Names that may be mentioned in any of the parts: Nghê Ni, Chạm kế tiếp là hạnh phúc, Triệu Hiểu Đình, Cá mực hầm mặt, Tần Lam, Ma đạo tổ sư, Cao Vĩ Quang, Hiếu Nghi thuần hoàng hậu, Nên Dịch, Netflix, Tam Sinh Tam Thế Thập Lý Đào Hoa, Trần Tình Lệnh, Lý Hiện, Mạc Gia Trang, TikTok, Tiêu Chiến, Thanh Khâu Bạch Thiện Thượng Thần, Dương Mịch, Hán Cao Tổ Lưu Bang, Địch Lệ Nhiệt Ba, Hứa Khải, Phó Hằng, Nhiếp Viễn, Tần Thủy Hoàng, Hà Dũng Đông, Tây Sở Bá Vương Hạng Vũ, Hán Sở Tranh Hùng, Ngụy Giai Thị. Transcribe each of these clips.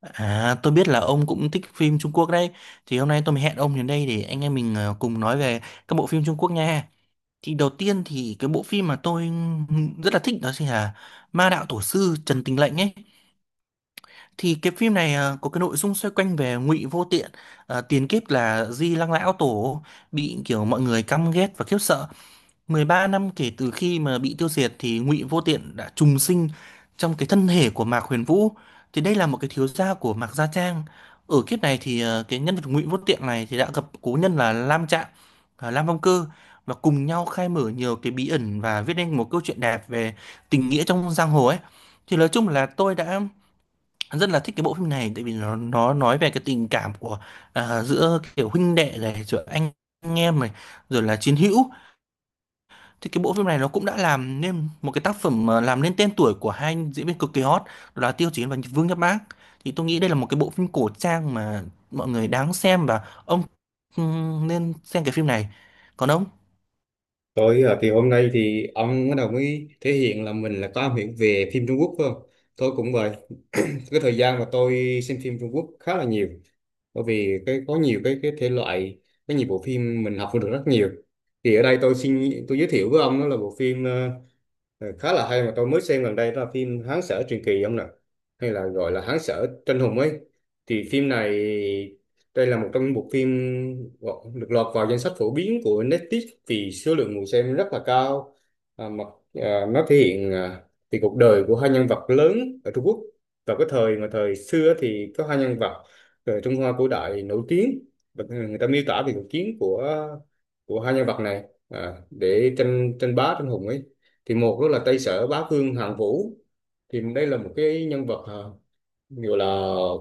À, tôi biết là ông cũng thích phim Trung Quốc đấy. Thì hôm nay tôi mới hẹn ông đến đây để anh em mình cùng nói về các bộ phim Trung Quốc nha. Thì đầu tiên thì cái bộ phim mà tôi rất là thích đó chính là Ma Đạo Tổ Sư Trần Tình Lệnh ấy. Thì cái phim này có cái nội dung xoay quanh về Ngụy Vô Tiện, tiền kiếp là Di Lăng Lão Tổ, bị kiểu mọi người căm ghét và khiếp sợ. 13 năm kể từ khi mà bị tiêu diệt thì Ngụy Vô Tiện đã trùng sinh trong cái thân thể của Mạc Huyền Vũ. Thì đây là một cái thiếu gia của Mạc Gia Trang. Ở kiếp này thì cái nhân vật Ngụy Vô Tiện này thì đã gặp cố nhân là Lam Trạng, Lam Phong Cơ, và cùng nhau khai mở nhiều cái bí ẩn và viết nên một câu chuyện đẹp về tình nghĩa trong giang hồ ấy. Thì nói chung là tôi đã rất là thích cái bộ phim này tại vì nó nói về cái tình cảm của giữa kiểu huynh đệ này, giữa anh em này, rồi là chiến hữu. Thì cái bộ phim này nó cũng đã làm nên một cái tác phẩm mà làm nên tên tuổi của hai anh diễn viên cực kỳ hot, đó là Tiêu Chiến và Vương Nhất Bác. Thì tôi nghĩ đây là một cái bộ phim cổ trang mà mọi người đáng xem, và ông nên xem cái phim này. Còn ông? Tôi ở thì hôm nay thì ông bắt đầu mới thể hiện là mình là có am hiểu về phim Trung Quốc phải không? Tôi cũng vậy. Cái thời gian mà tôi xem phim Trung Quốc khá là nhiều. Bởi vì có nhiều cái thể loại, có nhiều bộ phim mình học được rất nhiều. Thì ở đây tôi xin giới thiệu với ông đó là bộ phim khá là hay mà tôi mới xem gần đây, đó là phim Hán Sở Truyền Kỳ ông nè, hay là gọi là Hán Sở Tranh Hùng ấy. Thì phim này, đây là một trong những bộ phim được lọt vào danh sách phổ biến của Netflix vì số lượng người xem rất là cao. À, mà à, nó thể hiện à, thì cuộc đời của hai nhân vật lớn ở Trung Quốc vào cái thời mà thời xưa, thì có hai nhân vật ở Trung Hoa cổ đại nổi tiếng. Và người ta miêu tả về cuộc chiến của hai nhân vật này để tranh tranh bá tranh hùng ấy. Thì một đó là Tây Sở Bá Vương Hạng Vũ, thì đây là một cái nhân vật, à, gọi là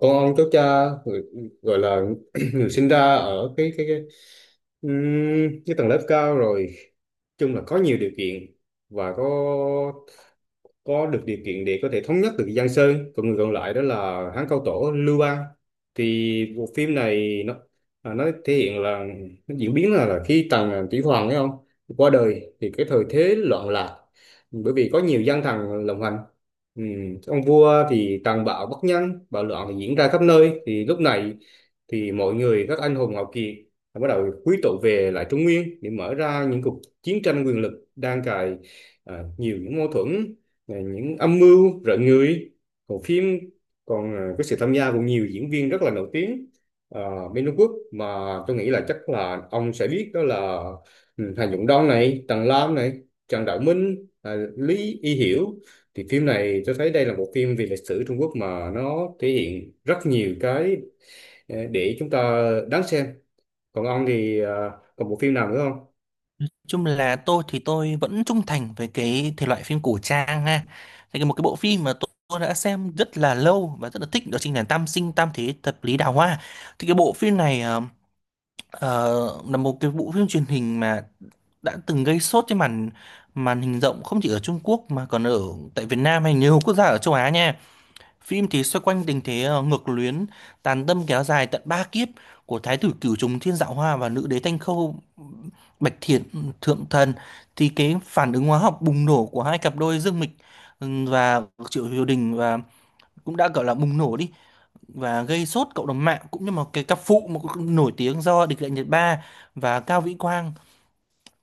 con ông cháu cha, người, gọi là người sinh ra ở cái tầng lớp cao, rồi chung là có nhiều điều kiện, và có được điều kiện để có thể thống nhất được Giang Sơn. Còn người còn lại đó là Hán Cao Tổ Lưu Bang. Thì bộ phim này nó, nó thể hiện là, nó diễn biến là khi Tần Thủy Hoàng ấy không qua đời thì cái thời thế loạn lạc, bởi vì có nhiều gian thần lộng hành, ừ. Ông vua thì tàn bạo bất nhân, bạo loạn thì diễn ra khắp nơi. Thì lúc này thì mọi người, các anh hùng hào kiệt đã bắt đầu quy tụ về lại Trung Nguyên để mở ra những cuộc chiến tranh quyền lực đang cài, nhiều những mâu thuẫn này, những âm mưu rợn người. Còn phim còn, có sự tham gia của nhiều diễn viên rất là nổi tiếng uh, bên Trung Quốc, mà tôi nghĩ là chắc là ông sẽ biết, đó là Hà Dũng Đông này, Tần Lam này, Trần Đạo Minh, Lý Y Hiểu. Thì phim này tôi thấy đây là một phim về lịch sử Trung Quốc mà nó thể hiện rất nhiều cái, để chúng ta đáng xem. Còn ông thì còn bộ phim nào nữa không? Nói chung là tôi thì tôi vẫn trung thành với cái thể loại phim cổ trang ha. Thì cái một cái bộ phim mà tôi đã xem rất là lâu và rất là thích đó chính là Tam Sinh Tam Thế Thập Lý Đào Hoa. Thì cái bộ phim này là một cái bộ phim truyền hình mà đã từng gây sốt trên màn màn hình rộng, không chỉ ở Trung Quốc mà còn ở tại Việt Nam hay nhiều quốc gia ở châu Á nha. Phim thì xoay quanh tình thế ngược luyến, tàn tâm kéo dài tận ba kiếp của Thái tử Cửu Trùng Thiên Dạo Hoa và nữ đế Thanh Khâu Bạch Thiện Thượng Thần. Thì cái phản ứng hóa học bùng nổ của hai cặp đôi Dương Mịch và Triệu Hiểu Đình và cũng đã gọi là bùng nổ đi, và gây sốt cộng đồng mạng, cũng như một cái cặp phụ mà cũng nổi tiếng do Địch Lệ Nhiệt Ba và Cao Vĩ Quang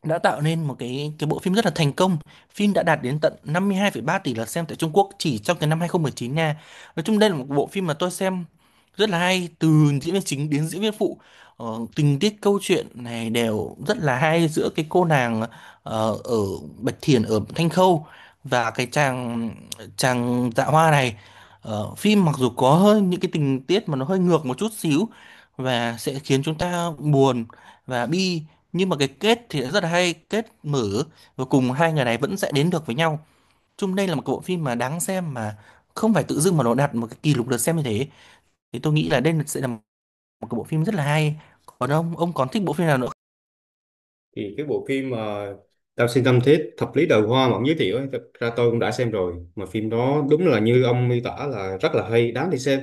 đã tạo nên một cái bộ phim rất là thành công. Phim đã đạt đến tận 52,3 tỷ lượt xem tại Trung Quốc chỉ trong cái năm 2019 nha. Nói chung đây là một bộ phim mà tôi xem rất là hay, từ diễn viên chính đến diễn viên phụ. Ờ, Tình tiết câu chuyện này đều rất là hay, giữa cái cô nàng ở Bạch Thiền ở Thanh Khâu và cái chàng chàng Dạ Hoa này. Phim mặc dù có hơi những cái tình tiết mà nó hơi ngược một chút xíu và sẽ khiến chúng ta buồn và bi, nhưng mà cái kết thì rất là hay, kết mở, và cùng hai người này vẫn sẽ đến được với nhau. Chung đây là một bộ phim mà đáng xem, mà không phải tự dưng mà nó đạt một cái kỷ lục lượt xem như thế. Thì tôi nghĩ là đây sẽ là một cái bộ phim rất là hay. Còn ông còn thích bộ phim nào nữa? Thì cái bộ phim mà Tao Xin Tâm Thiết Thập Lý Đời Hoa mà ông giới thiệu ấy, thật ra tôi cũng đã xem rồi, mà phim đó đúng là như ông miêu tả là rất là hay, đáng để xem.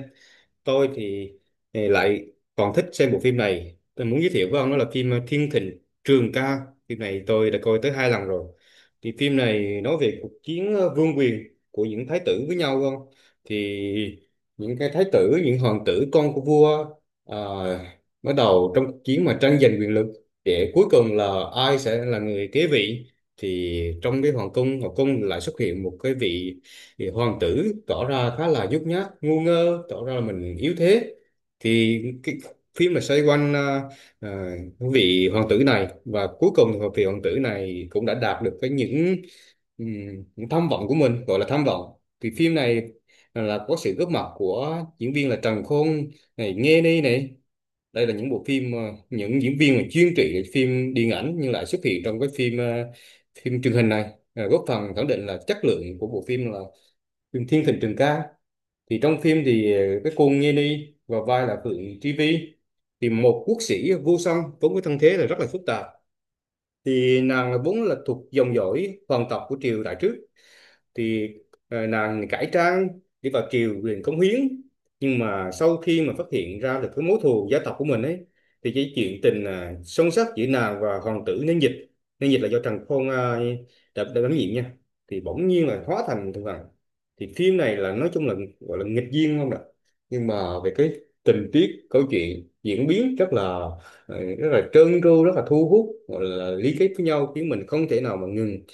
Tôi thì lại còn thích xem bộ phim này, tôi muốn giới thiệu với ông đó là phim Thiên Thịnh Trường Ca. Phim này tôi đã coi tới hai lần rồi. Thì phim này nói về cuộc chiến vương quyền của những thái tử với nhau không. Thì những cái thái tử, những hoàng tử con của vua ờ, bắt đầu trong cuộc chiến mà tranh giành quyền lực, để cuối cùng là ai sẽ là người kế vị. Thì trong cái hoàng cung lại xuất hiện một cái vị, thì hoàng tử tỏ ra khá là nhút nhát ngu ngơ, tỏ ra là mình yếu thế. Thì cái phim là xoay quanh à, vị hoàng tử này, và cuối cùng thì vị hoàng tử này cũng đã đạt được cái những tham vọng của mình, gọi là tham vọng. Thì phim này là có sự góp mặt của diễn viên là Trần Khôn này, Nghê Ni này. Đây là những bộ phim, những diễn viên mà chuyên trị phim điện ảnh nhưng lại xuất hiện trong cái phim, phim truyền hình này, góp phần khẳng định là chất lượng của bộ phim là Trường Thiên Thịnh Trường Ca. Thì trong phim thì cái cô Nghê Ni vào vai là Phượng Tri Vi, thì một quốc sĩ vô song vốn có thân thế là rất là phức tạp. Thì nàng là vốn là thuộc dòng dõi hoàng tộc của triều đại trước. Thì nàng cải trang đi vào triều liền cống hiến, nhưng mà sau khi mà phát hiện ra được cái mối thù gia tộc của mình ấy, thì cái chuyện tình, sâu sắc giữa nàng và hoàng tử Nên Dịch. Nên Dịch là do Trần Khôn đã đảm nhiệm nha, thì bỗng nhiên là hóa thành thượng hoàng. Thì phim này là nói chung là gọi là nghịch duyên không ạ. Nhưng mà về cái tình tiết câu chuyện diễn biến rất là, rất là trơn tru, rất là thu hút, gọi là lý kết với nhau, khiến mình không thể nào mà ngừng,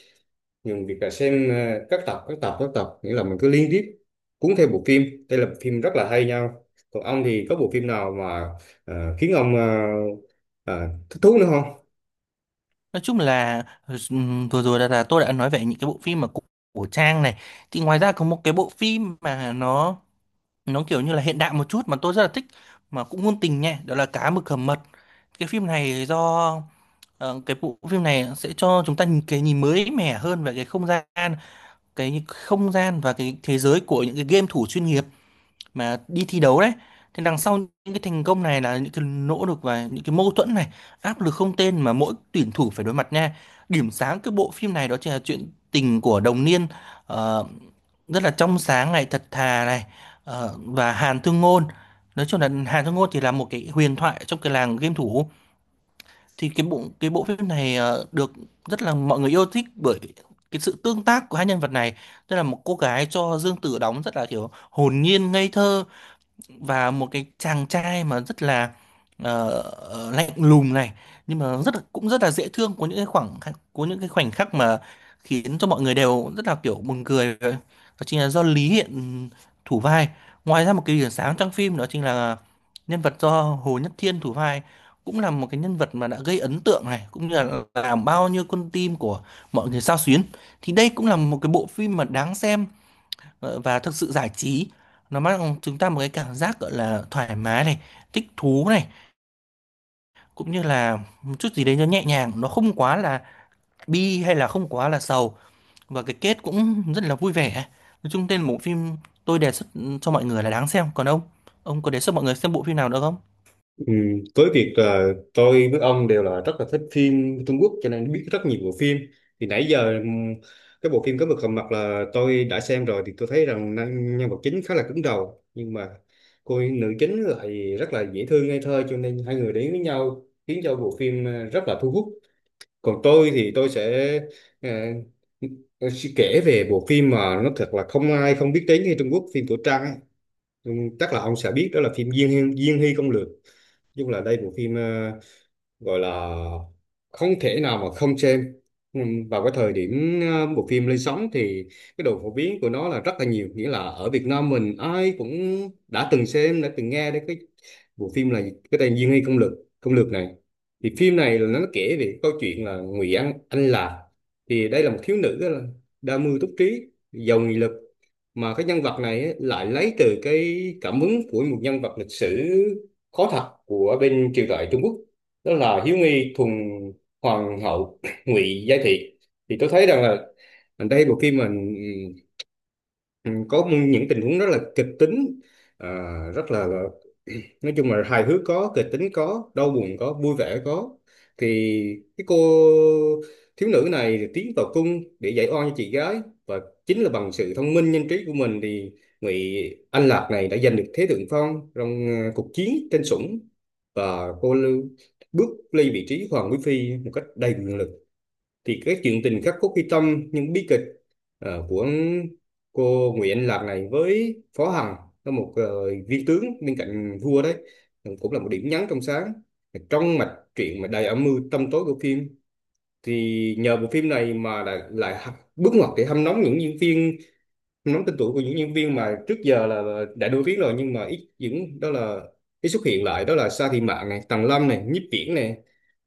nhưng việc là xem các tập, các tập, nghĩa là mình cứ liên tiếp cuốn theo bộ phim. Đây là bộ phim rất là hay nhau. Còn ông thì có bộ phim nào mà khiến ông ờ, thích thú nữa không? Nói chung là, vừa rồi là tôi đã nói về những cái bộ phim mà của Trang này. Thì ngoài ra có một cái bộ phim mà nó kiểu như là hiện đại một chút mà tôi rất là thích, mà cũng ngôn tình nha, đó là Cá Mực Hầm Mật. Cái phim này do. Cái bộ phim này sẽ cho chúng ta nhìn cái nhìn mới mẻ hơn về cái không gian và cái thế giới của những cái game thủ chuyên nghiệp mà đi thi đấu đấy. Thì đằng sau những cái thành công này là những cái nỗ lực và những cái mâu thuẫn này, áp lực không tên mà mỗi tuyển thủ phải đối mặt nha. Điểm sáng cái bộ phim này đó chính là chuyện tình của Đồng Niên, ờ, rất là trong sáng này, thật thà này, và Hàn Thương Ngôn. Nói chung là Hàn Thương Ngôn thì là một cái huyền thoại trong cái làng game thủ. Thì cái bộ phim này được rất là mọi người yêu thích bởi cái sự tương tác của hai nhân vật này, tức là một cô gái cho Dương Tử đóng rất là kiểu hồn nhiên ngây thơ, và một cái chàng trai mà rất là ờ, lạnh lùng này, nhưng mà rất là cũng rất là dễ thương, có những cái khoảnh khắc mà khiến cho mọi người đều rất là kiểu buồn cười, đó chính là do Lý Hiện thủ vai. Ngoài ra một cái điểm sáng trong phim đó chính là nhân vật do Hồ Nhất Thiên thủ vai, cũng là một cái nhân vật mà đã gây ấn tượng này, cũng như là làm bao nhiêu con tim của mọi người xao xuyến. Thì đây cũng là một cái bộ phim mà đáng xem, và thực sự giải trí. Nó mang chúng ta một cái cảm giác gọi là thoải mái này, thích thú này, cũng như là một chút gì đấy nó nhẹ nhàng, nó không quá là bi hay là không quá là sầu, và cái kết cũng rất là vui vẻ. Nói chung tên bộ phim tôi đề xuất cho mọi người là đáng xem. Còn ông có đề xuất mọi người xem bộ phim nào nữa không? Ừ, với việc là tôi với ông đều là rất là thích phim Trung Quốc cho nên biết rất nhiều bộ phim. Thì nãy giờ cái bộ phim Cá Mực Hầm Mặt là tôi đã xem rồi, thì tôi thấy rằng nhân nhân vật chính khá là cứng đầu, nhưng mà cô nữ chính lại rất là dễ thương ngây thơ, cho nên hai người đến với nhau khiến cho bộ phim rất là thu hút. Còn tôi thì tôi sẽ ờ, sẽ kể về bộ phim mà nó thật là không ai không biết đến ở Trung Quốc, phim cổ trang ấy. Ừ, chắc là ông sẽ biết đó là phim Diên Diên Hy Công Lược. Nói chung là đây bộ phim gọi là không thể nào mà không xem. Vào cái thời điểm bộ phim lên sóng thì cái độ phổ biến của nó là rất là nhiều, nghĩa là ở Việt Nam mình ai cũng đã từng xem, đã từng nghe đến cái bộ phim là cái tên Diên Hy Công Lược, Công Lược này. Thì phim này là nó kể về câu chuyện là Ngụy An Anh là, thì đây là một thiếu nữ là đa mưu túc trí, giàu nghị lực. Mà cái nhân vật này ấy, lại lấy từ cái cảm hứng của một nhân vật lịch sử có thật của bên triều đại Trung Quốc, đó là Hiếu Nghi Thuần Hoàng Hậu Ngụy Giai Thị. Thì tôi thấy rằng là ở đây bộ phim mình có những tình huống rất là kịch tính, à, rất là, nói chung là hài hước có, kịch tính có, đau buồn có, vui vẻ có. Thì cái cô thiếu nữ này thì tiến vào cung để giải oan cho chị gái, và chính là bằng sự thông minh nhanh trí của mình thì Ngụy Anh Lạc này đã giành được thế thượng phong trong cuộc chiến trên Sủng, và bước lên vị trí hoàng quý phi một cách đầy quyền lực. Thì cái chuyện tình khắc cốt ghi tâm, những bi kịch của cô Nguyễn Lạc này với Phó Hằng là một viên tướng bên cạnh vua đấy, cũng là một điểm nhấn trong sáng trong mạch truyện mà đầy âm mưu tâm tối của phim. Thì nhờ bộ phim này mà lại bước ngoặt để hâm nóng những diễn viên, nắm tên tuổi của những nhân viên mà trước giờ là đã đưa viết rồi nhưng mà ít, những đó là ít xuất hiện lại, đó là Sa Thị Mạn này, Tần Lâm này, Nhiếp Viễn này.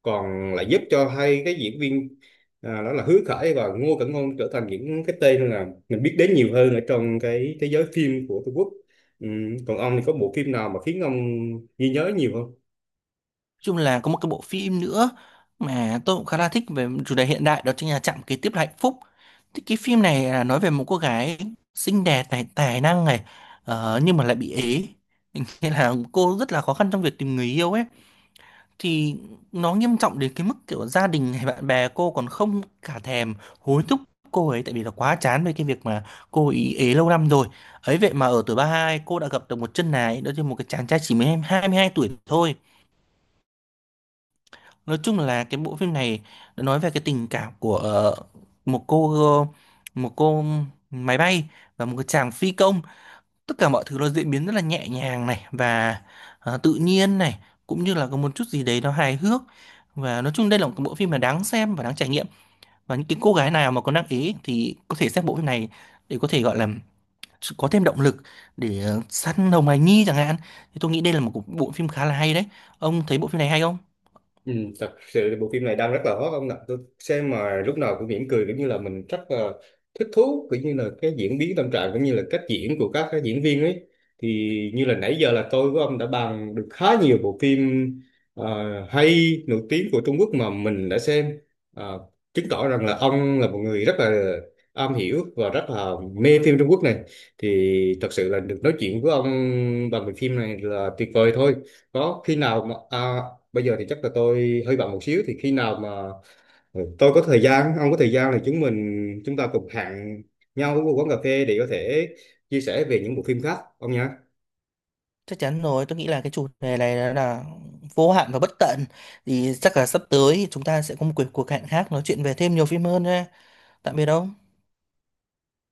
Còn lại giúp cho hai cái diễn viên, đó là Hứa Khải và Ngô Cẩn Ngôn trở thành những cái tên là mình biết đến nhiều hơn ở trong cái thế giới phim của Trung Quốc. Còn ông thì có bộ phim nào mà khiến ông ghi nhớ nhiều không? Chung là có một cái bộ phim nữa mà tôi cũng khá là thích về chủ đề hiện đại, đó chính là Chạm Kế Tiếp Là Hạnh Phúc. Thì cái phim này là nói về một cô gái xinh đẹp này, tài năng này, nhưng mà lại bị ế, nên là cô rất là khó khăn trong việc tìm người yêu ấy. Thì nó nghiêm trọng đến cái mức kiểu gia đình hay bạn bè cô còn không cả thèm hối thúc cô ấy, tại vì là quá chán với cái việc mà cô ý ế lâu năm rồi. Ấy vậy mà ở tuổi 32, cô đã gặp được một chân ái, đó chính là một cái chàng trai chỉ mới 22 tuổi thôi. Nói chung là cái bộ phim này nó nói về cái tình cảm của một cô một cô máy bay và một cái chàng phi công. Tất cả mọi thứ nó diễn biến rất là nhẹ nhàng này và tự nhiên này, cũng như là có một chút gì đấy nó hài hước. Và nói chung đây là một cái bộ phim mà đáng xem và đáng trải nghiệm. Và những cái cô gái nào mà có năng ý thì có thể xem bộ phim này để có thể gọi là có thêm động lực để săn hồng hài nhi chẳng hạn. Thì tôi nghĩ đây là một bộ phim khá là hay đấy. Ông thấy bộ phim này hay không? Ừ, thật sự thì bộ phim này đang rất là hot ông ạ, tôi xem mà lúc nào cũng mỉm cười, cũng như là mình rất là thích thú, cũng như là cái diễn biến tâm trạng cũng như là cách diễn của các cái diễn viên ấy. Thì như là nãy giờ là tôi với ông đã bàn được khá nhiều bộ phim ờ, hay nổi tiếng của Trung Quốc mà mình đã xem. Ờ, chứng tỏ rằng là ông là một người rất là am hiểu và rất là mê phim Trung Quốc này. Thì thật sự là được nói chuyện với ông bằng bộ phim này là tuyệt vời thôi. Có khi nào mà bây giờ thì chắc là tôi hơi bận một xíu, thì khi nào mà ừ, tôi có thời gian, ông có thời gian, thì chúng ta cùng hẹn nhau ở một quán cà phê để có thể chia sẻ về những bộ phim khác, ông nhé. Chắc chắn rồi, tôi nghĩ là cái chủ đề này là vô hạn và bất tận. Thì chắc là sắp tới chúng ta sẽ có một cuộc cuộc hẹn khác, nói chuyện về thêm nhiều phim hơn nha. Tạm biệt ông.